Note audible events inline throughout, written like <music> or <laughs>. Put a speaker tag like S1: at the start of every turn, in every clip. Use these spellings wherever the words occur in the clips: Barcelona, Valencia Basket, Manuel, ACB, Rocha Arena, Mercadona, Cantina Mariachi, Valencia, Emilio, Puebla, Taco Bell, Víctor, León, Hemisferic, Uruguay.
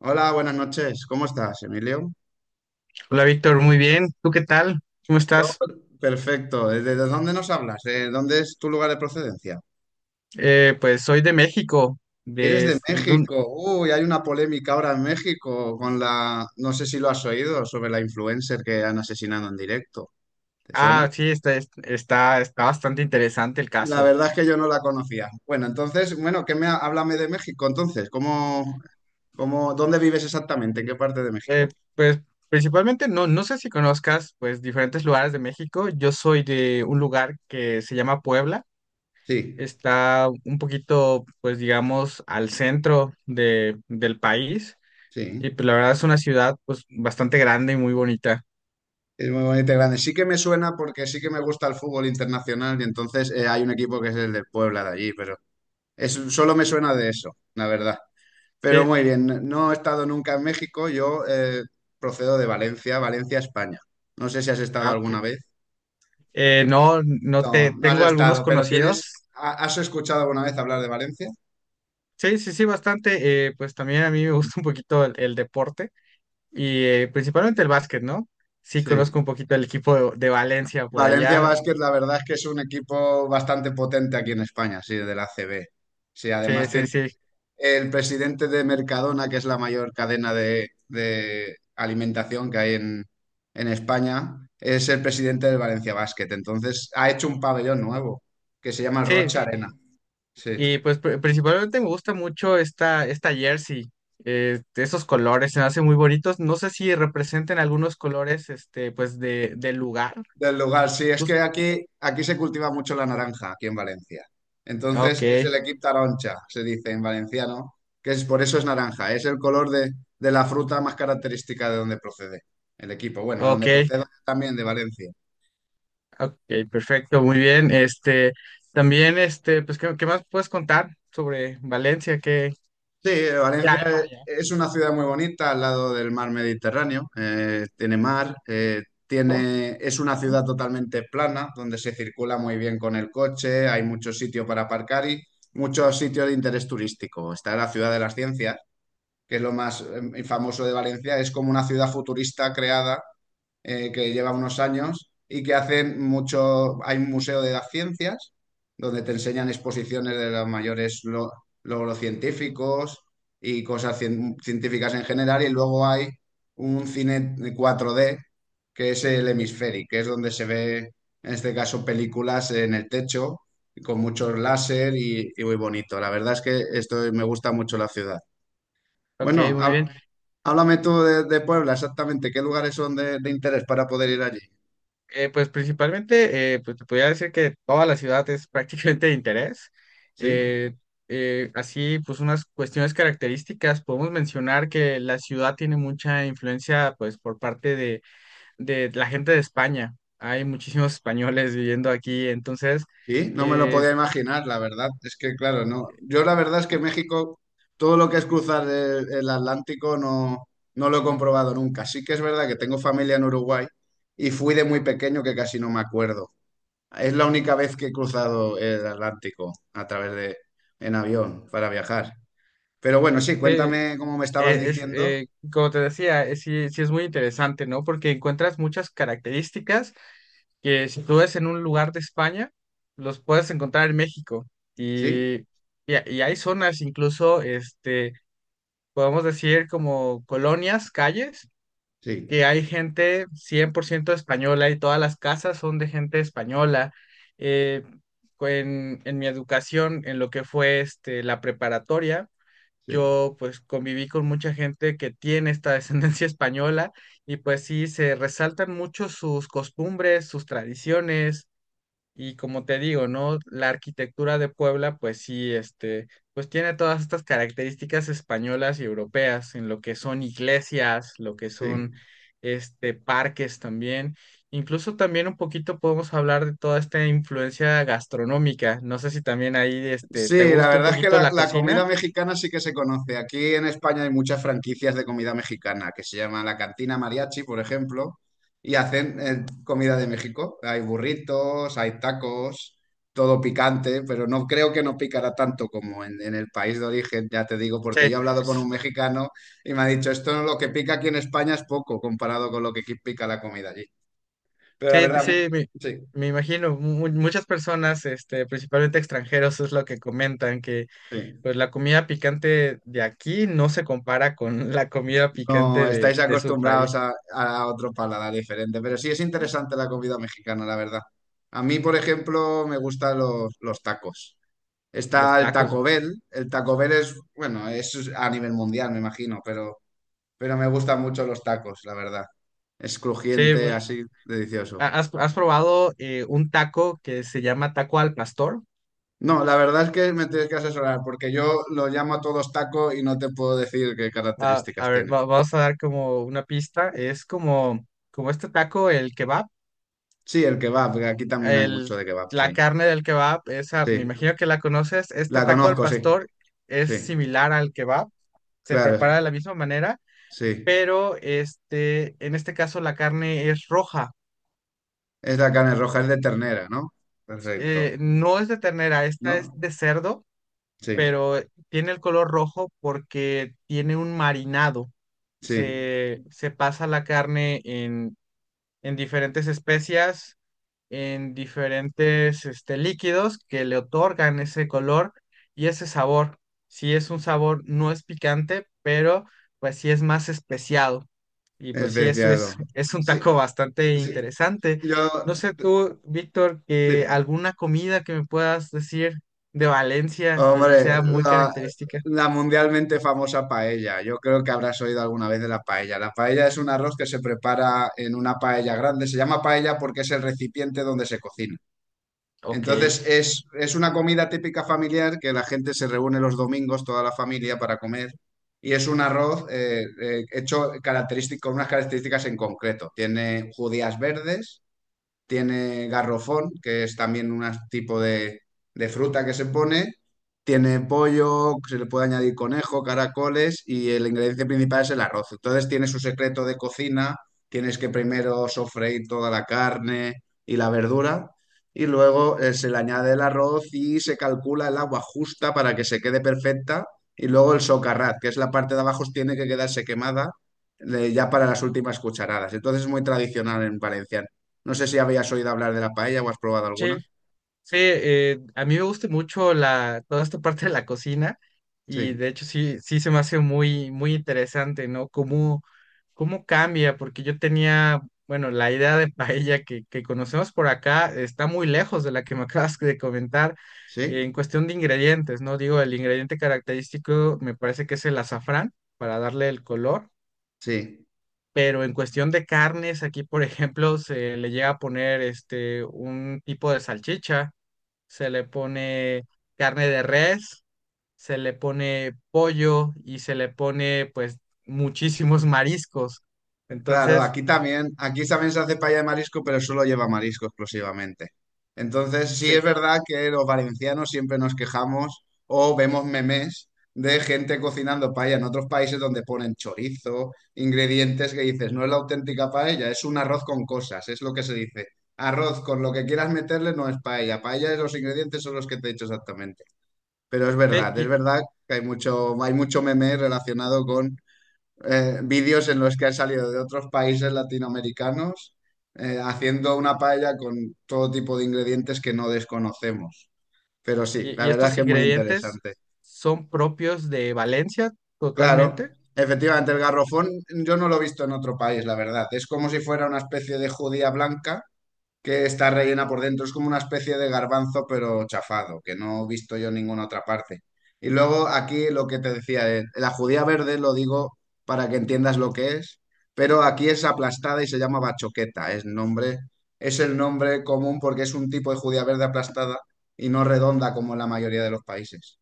S1: Hola, buenas noches. ¿Cómo estás, Emilio?
S2: Hola Víctor, muy bien. ¿Tú qué tal? ¿Cómo
S1: Yo,
S2: estás?
S1: perfecto. ¿Desde dónde nos hablas? ¿Dónde es tu lugar de procedencia?
S2: Pues soy de México.
S1: ¿Eres
S2: De,
S1: de
S2: es- de un-
S1: México? Uy, hay una polémica ahora en México con la, no sé si lo has oído, sobre la influencer que han asesinado en directo. ¿Te suena?
S2: Ah, sí, está bastante interesante el
S1: La
S2: caso.
S1: verdad es que yo no la conocía. Bueno, entonces, bueno, háblame de México entonces? ¿Cómo, dónde vives exactamente? ¿En qué parte de México?
S2: Pues principalmente, no, no sé si conozcas pues diferentes lugares de México. Yo soy de un lugar que se llama Puebla.
S1: Sí,
S2: Está un poquito, pues digamos, al centro del país.
S1: sí.
S2: Y pues la verdad es una ciudad pues bastante grande y muy bonita.
S1: Es muy bonito y grande. Sí que me suena porque sí que me gusta el fútbol internacional y entonces hay un equipo que es el de Puebla de allí, pero es, solo me suena de eso, la verdad. Pero
S2: Sí,
S1: muy bien, no he estado nunca en México, yo procedo de Valencia, Valencia, España. No sé si has estado
S2: ah, ok.
S1: alguna vez.
S2: No
S1: No,
S2: te
S1: no has
S2: tengo algunos
S1: estado, pero
S2: conocidos.
S1: ¿has escuchado alguna vez hablar de Valencia?
S2: Sí, sí, sí, bastante. Pues también a mí me gusta un poquito el deporte y principalmente el básquet, ¿no? Sí,
S1: Sí.
S2: conozco un poquito el equipo de Valencia por
S1: Valencia
S2: allá.
S1: Basket, la verdad es que es un equipo bastante potente aquí en España, sí, de la ACB. Sí,
S2: Sí,
S1: además
S2: sí,
S1: tiene
S2: sí.
S1: el presidente de Mercadona, que es la mayor cadena de alimentación que hay en España, es el presidente del Valencia Basket. Entonces ha hecho un pabellón nuevo que se llama el
S2: Sí,
S1: Rocha Arena. Sí,
S2: y pues principalmente me gusta mucho esta jersey. Esos colores se me hacen muy bonitos. No sé si representen algunos colores, este, pues del lugar.
S1: del lugar. Sí, es
S2: Jus-
S1: que aquí, aquí se cultiva mucho la naranja, aquí en Valencia.
S2: ok,
S1: Entonces es el equip taroncha, se dice en valenciano, que es por eso es naranja. Es el color de la fruta más característica de donde procede el equipo. Bueno, de
S2: ok,
S1: donde procede también de Valencia.
S2: ok, perfecto, muy bien. Este, también, este, pues, ¿qué más puedes contar sobre Valencia?
S1: Sí,
S2: Ya,
S1: Valencia
S2: ahí por
S1: es
S2: allá.
S1: es una ciudad muy bonita al lado del mar Mediterráneo. Tiene mar, tiene, es una ciudad totalmente plana donde se circula muy bien con el coche, hay muchos sitios para aparcar y muchos sitios de interés turístico. Está la ciudad de las ciencias, que es lo más famoso de Valencia, es como una ciudad futurista creada que lleva unos años y que hace mucho, hay un museo de las ciencias donde te enseñan exposiciones de los mayores logros científicos y cosas científicas en general y luego hay un cine cuatro d que es el Hemisferic, que es donde se ve en este caso películas en el techo con muchos láser y muy bonito. La verdad es que esto me gusta mucho la ciudad.
S2: Ok,
S1: Bueno,
S2: muy bien.
S1: háblame tú de Puebla, exactamente. ¿Qué lugares son de interés para poder ir allí?
S2: Pues principalmente, pues te podría decir que toda la ciudad es prácticamente de interés.
S1: ¿Sí?
S2: Eh, Así, pues unas cuestiones características, podemos mencionar que la ciudad tiene mucha influencia, pues por parte de la gente de España. Hay muchísimos españoles viviendo aquí, entonces,
S1: Sí, no me lo
S2: eh,
S1: podía imaginar, la verdad. Es que, claro, no. Yo la verdad es que México, todo lo que es cruzar el Atlántico, no, no lo he comprobado nunca. Sí que es verdad que tengo familia en Uruguay y fui de muy pequeño que casi no me acuerdo. Es la única vez que he cruzado el Atlántico a través de, en avión para viajar. Pero bueno, sí,
S2: eh,
S1: cuéntame cómo me estabas
S2: eh, es,
S1: diciendo.
S2: eh, como te decía, sí, sí es muy interesante, ¿no? Porque encuentras muchas características que si tú ves en un lugar de España, los puedes encontrar en México. Y,
S1: Sí,
S2: y hay zonas, incluso, este, podemos decir como colonias, calles,
S1: sí,
S2: que hay gente 100% española y todas las casas son de gente española. Eh, en mi educación, en lo que fue este, la preparatoria,
S1: sí.
S2: yo pues conviví con mucha gente que tiene esta <laughs> descendencia española y pues sí, se resaltan mucho sus costumbres, sus tradiciones y como te digo, ¿no? La arquitectura de Puebla pues sí, este, pues tiene todas estas características españolas y europeas en lo que son iglesias, lo que son
S1: Sí.
S2: este parques también. Incluso también un poquito podemos hablar de toda esta influencia gastronómica. No sé si también ahí este te
S1: Sí, la
S2: gusta un
S1: verdad es que
S2: poquito
S1: la,
S2: la
S1: la
S2: cocina.
S1: comida mexicana sí que se conoce. Aquí en España hay muchas franquicias de comida mexicana que se llaman la Cantina Mariachi, por ejemplo, y hacen comida de México. Hay burritos, hay tacos, todo picante, pero no creo que no picará tanto como en el país de origen, ya te digo, porque yo he hablado con un mexicano y me ha dicho, esto lo que pica aquí en España es poco comparado con lo que aquí pica la comida allí. Pero la
S2: Sí,
S1: vale.
S2: sí,
S1: Verdad,
S2: sí,
S1: vale. Sí,
S2: me imagino, muchas personas, este, principalmente extranjeros, es lo que comentan, que
S1: sí.
S2: pues la comida picante de aquí no se compara con la comida
S1: No,
S2: picante
S1: estáis
S2: de su
S1: acostumbrados
S2: país,
S1: a otro paladar diferente, pero sí es interesante la comida mexicana, la verdad. A mí, por ejemplo, me gustan los tacos.
S2: los
S1: Está el
S2: tacos.
S1: Taco Bell. El Taco Bell es, bueno, es a nivel mundial, me imagino, pero me gustan mucho los tacos, la verdad. Es
S2: Sí,
S1: crujiente, así, delicioso.
S2: ¿has, has probado un taco que se llama taco al pastor?
S1: No, la verdad es que me tienes que asesorar, porque yo lo llamo a todos taco y no te puedo decir qué
S2: Ah, a
S1: características
S2: ver,
S1: tiene.
S2: vamos a dar como una pista, es como este taco, el kebab,
S1: Sí, el kebab, que aquí también hay
S2: el,
S1: mucho de kebab,
S2: la
S1: sí.
S2: carne del kebab, esa, me
S1: Sí,
S2: imagino que la conoces, este
S1: la
S2: taco al
S1: conozco, sí,
S2: pastor es
S1: sí.
S2: similar al kebab, se prepara de
S1: Claro,
S2: la misma manera,
S1: sí.
S2: pero este, en este caso la carne es roja.
S1: Es la carne roja, es de ternera, ¿no? Perfecto.
S2: No es de ternera, esta es
S1: ¿No?
S2: de cerdo,
S1: Sí,
S2: pero tiene el color rojo porque tiene un marinado.
S1: sí.
S2: Se pasa la carne en diferentes especias, en diferentes este, líquidos que le otorgan ese color y ese sabor. Si es un sabor, no es picante, pero pues sí es más especiado. Y
S1: Es
S2: pues sí, eso es,
S1: veteado.
S2: <laughs> es un
S1: Sí,
S2: taco bastante
S1: sí.
S2: interesante. No
S1: Yo,
S2: sé tú, Víctor, que
S1: dime.
S2: alguna comida que me puedas decir de Valencia que
S1: Hombre,
S2: sea muy
S1: la,
S2: característica.
S1: la mundialmente famosa paella. Yo creo que habrás oído alguna vez de la paella. La paella es un arroz que se prepara en una paella grande. Se llama paella porque es el recipiente donde se cocina.
S2: Ok.
S1: Entonces es una comida típica familiar que la gente se reúne los domingos, toda la familia, para comer. Y es un arroz hecho característico, con unas características en concreto. Tiene judías verdes, tiene garrofón, que es también un tipo de fruta que se pone, tiene pollo, se le puede añadir conejo, caracoles y el ingrediente principal es el arroz. Entonces tiene su secreto de cocina, tienes que primero sofreír toda la carne y la verdura y luego se le añade el arroz y se calcula el agua justa para que se quede perfecta y luego el socarrat, que es la parte de abajo, tiene que quedarse quemada. Ya para las últimas cucharadas. Entonces es muy tradicional en Valencia, no sé si habías oído hablar de la paella o has probado alguna.
S2: Sí, sí, a mí me gusta mucho toda esta parte de la cocina y
S1: Sí,
S2: de hecho sí, sí se me hace muy, muy interesante, ¿no? Cómo, cómo cambia, porque yo tenía, bueno, la idea de paella que conocemos por acá está muy lejos de la que me <laughs> acabas de comentar
S1: sí,
S2: en cuestión de ingredientes, ¿no? Digo, el ingrediente característico me parece que es el azafrán para darle el color,
S1: sí.
S2: pero en cuestión de carnes, aquí, por ejemplo, se le llega a poner este, un tipo de salchicha, se le pone carne de res, se le pone pollo y se le pone pues muchísimos mariscos.
S1: Claro,
S2: Entonces,
S1: aquí también se hace paella de marisco, pero solo lleva marisco exclusivamente. Entonces, sí
S2: sí,
S1: es verdad que los valencianos siempre nos quejamos o vemos memes de gente cocinando paella en otros países donde ponen chorizo, ingredientes que dices, no es la auténtica paella, es un arroz con cosas, es lo que se dice. Arroz con lo que quieras meterle no es paella. Paella es los ingredientes son los que te he dicho exactamente. Pero
S2: sí,
S1: es verdad que hay mucho meme relacionado con vídeos en los que han salido de otros países latinoamericanos haciendo una paella con todo tipo de ingredientes que no desconocemos. Pero sí, la
S2: y
S1: verdad es
S2: estos
S1: que es muy
S2: ingredientes
S1: interesante.
S2: son propios de Valencia
S1: Claro,
S2: totalmente.
S1: efectivamente, el garrofón yo no lo he visto en otro país, la verdad. Es como si fuera una especie de judía blanca que está rellena por dentro. Es como una especie de garbanzo, pero chafado, que no he visto yo en ninguna otra parte. Y luego aquí lo que te decía, la judía verde lo digo para que entiendas lo que es, pero aquí es aplastada y se llama bachoqueta. Es nombre, es el nombre común porque es un tipo de judía verde aplastada y no redonda como en la mayoría de los países.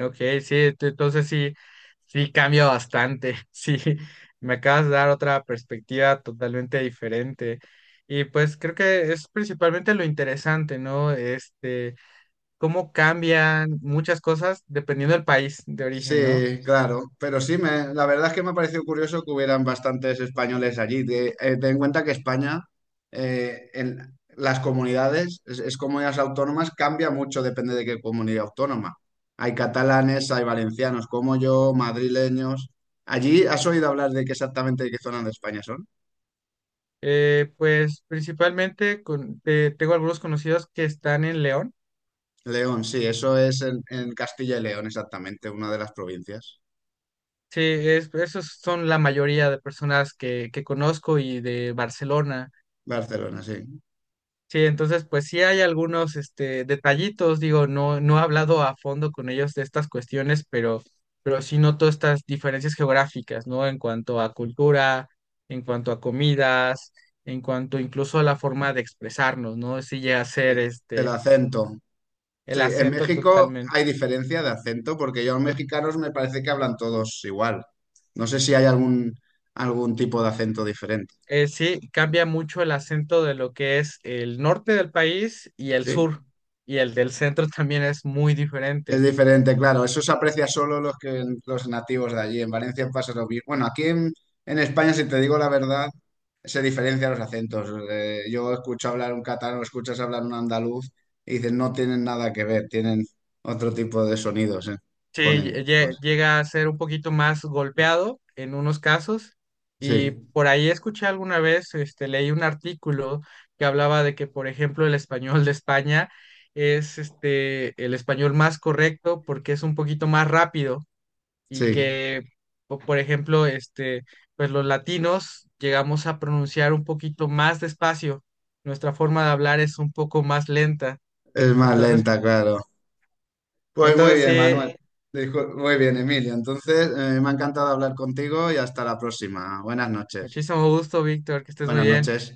S2: Ok, sí, entonces sí, sí cambia bastante. <laughs> Sí, me acabas de dar otra perspectiva totalmente diferente. Y pues creo que es principalmente lo interesante, ¿no? Este, cómo cambian muchas cosas dependiendo del país de origen, ¿no?
S1: Sí, claro, pero sí, me, la verdad es que me ha parecido curioso que hubieran bastantes españoles allí. Ten en cuenta que España, en las comunidades, es comunidades autónomas, cambia mucho, depende de qué comunidad autónoma. Hay catalanes, hay valencianos como yo, madrileños. Allí, ¿has oído hablar de qué exactamente de qué zona de España son?
S2: Pues principalmente tengo algunos conocidos que están en León.
S1: León, sí, eso es en Castilla y León, exactamente, una de las provincias.
S2: Sí, esos son la mayoría de personas que conozco y de Barcelona.
S1: Barcelona, sí.
S2: Sí, entonces pues sí hay algunos este, detallitos, digo, no, no he hablado a fondo con ellos de estas cuestiones, pero sí noto estas diferencias geográficas, ¿no? En cuanto a cultura, en cuanto a comidas, en cuanto incluso a la forma de expresarnos, ¿no? Sí llega a ser
S1: Sí, el
S2: este,
S1: acento. Sí,
S2: el
S1: en
S2: acento
S1: México
S2: totalmente.
S1: hay diferencia de acento porque yo a los mexicanos me parece que hablan todos igual. No sé si hay algún, algún tipo de acento diferente,
S2: Sí, cambia mucho el acento de lo que es el norte del país y el
S1: ¿sí?
S2: sur, y el del centro <laughs> también es muy
S1: Es
S2: diferente.
S1: diferente, claro. Eso se aprecia solo los que los nativos de allí. En Valencia pasa lo mismo. Bueno, aquí en España, si te digo la verdad, se diferencian los acentos. Yo escucho hablar un catalán, escuchas hablar un andaluz y dices, no tienen nada que ver, tienen otro tipo de sonidos,
S2: Sí,
S1: fonémicos.
S2: llega a ser un poquito más golpeado en unos casos y
S1: Sí,
S2: por ahí escuché alguna vez, este, leí un artículo que hablaba de que, por ejemplo, el español de España es este, el español más correcto porque es un poquito más rápido y
S1: sí.
S2: que, por ejemplo, este, pues los latinos llegamos a pronunciar un poquito más despacio, nuestra forma de hablar es un poco más lenta.
S1: Es más
S2: Entonces,
S1: lenta, claro. Pues muy
S2: entonces
S1: bien,
S2: sí,
S1: Manuel. Muy bien, Emilio. Entonces, me ha encantado hablar contigo y hasta la próxima. Buenas noches.
S2: muchísimo gusto, Víctor, que estés muy
S1: Buenas
S2: bien.
S1: noches.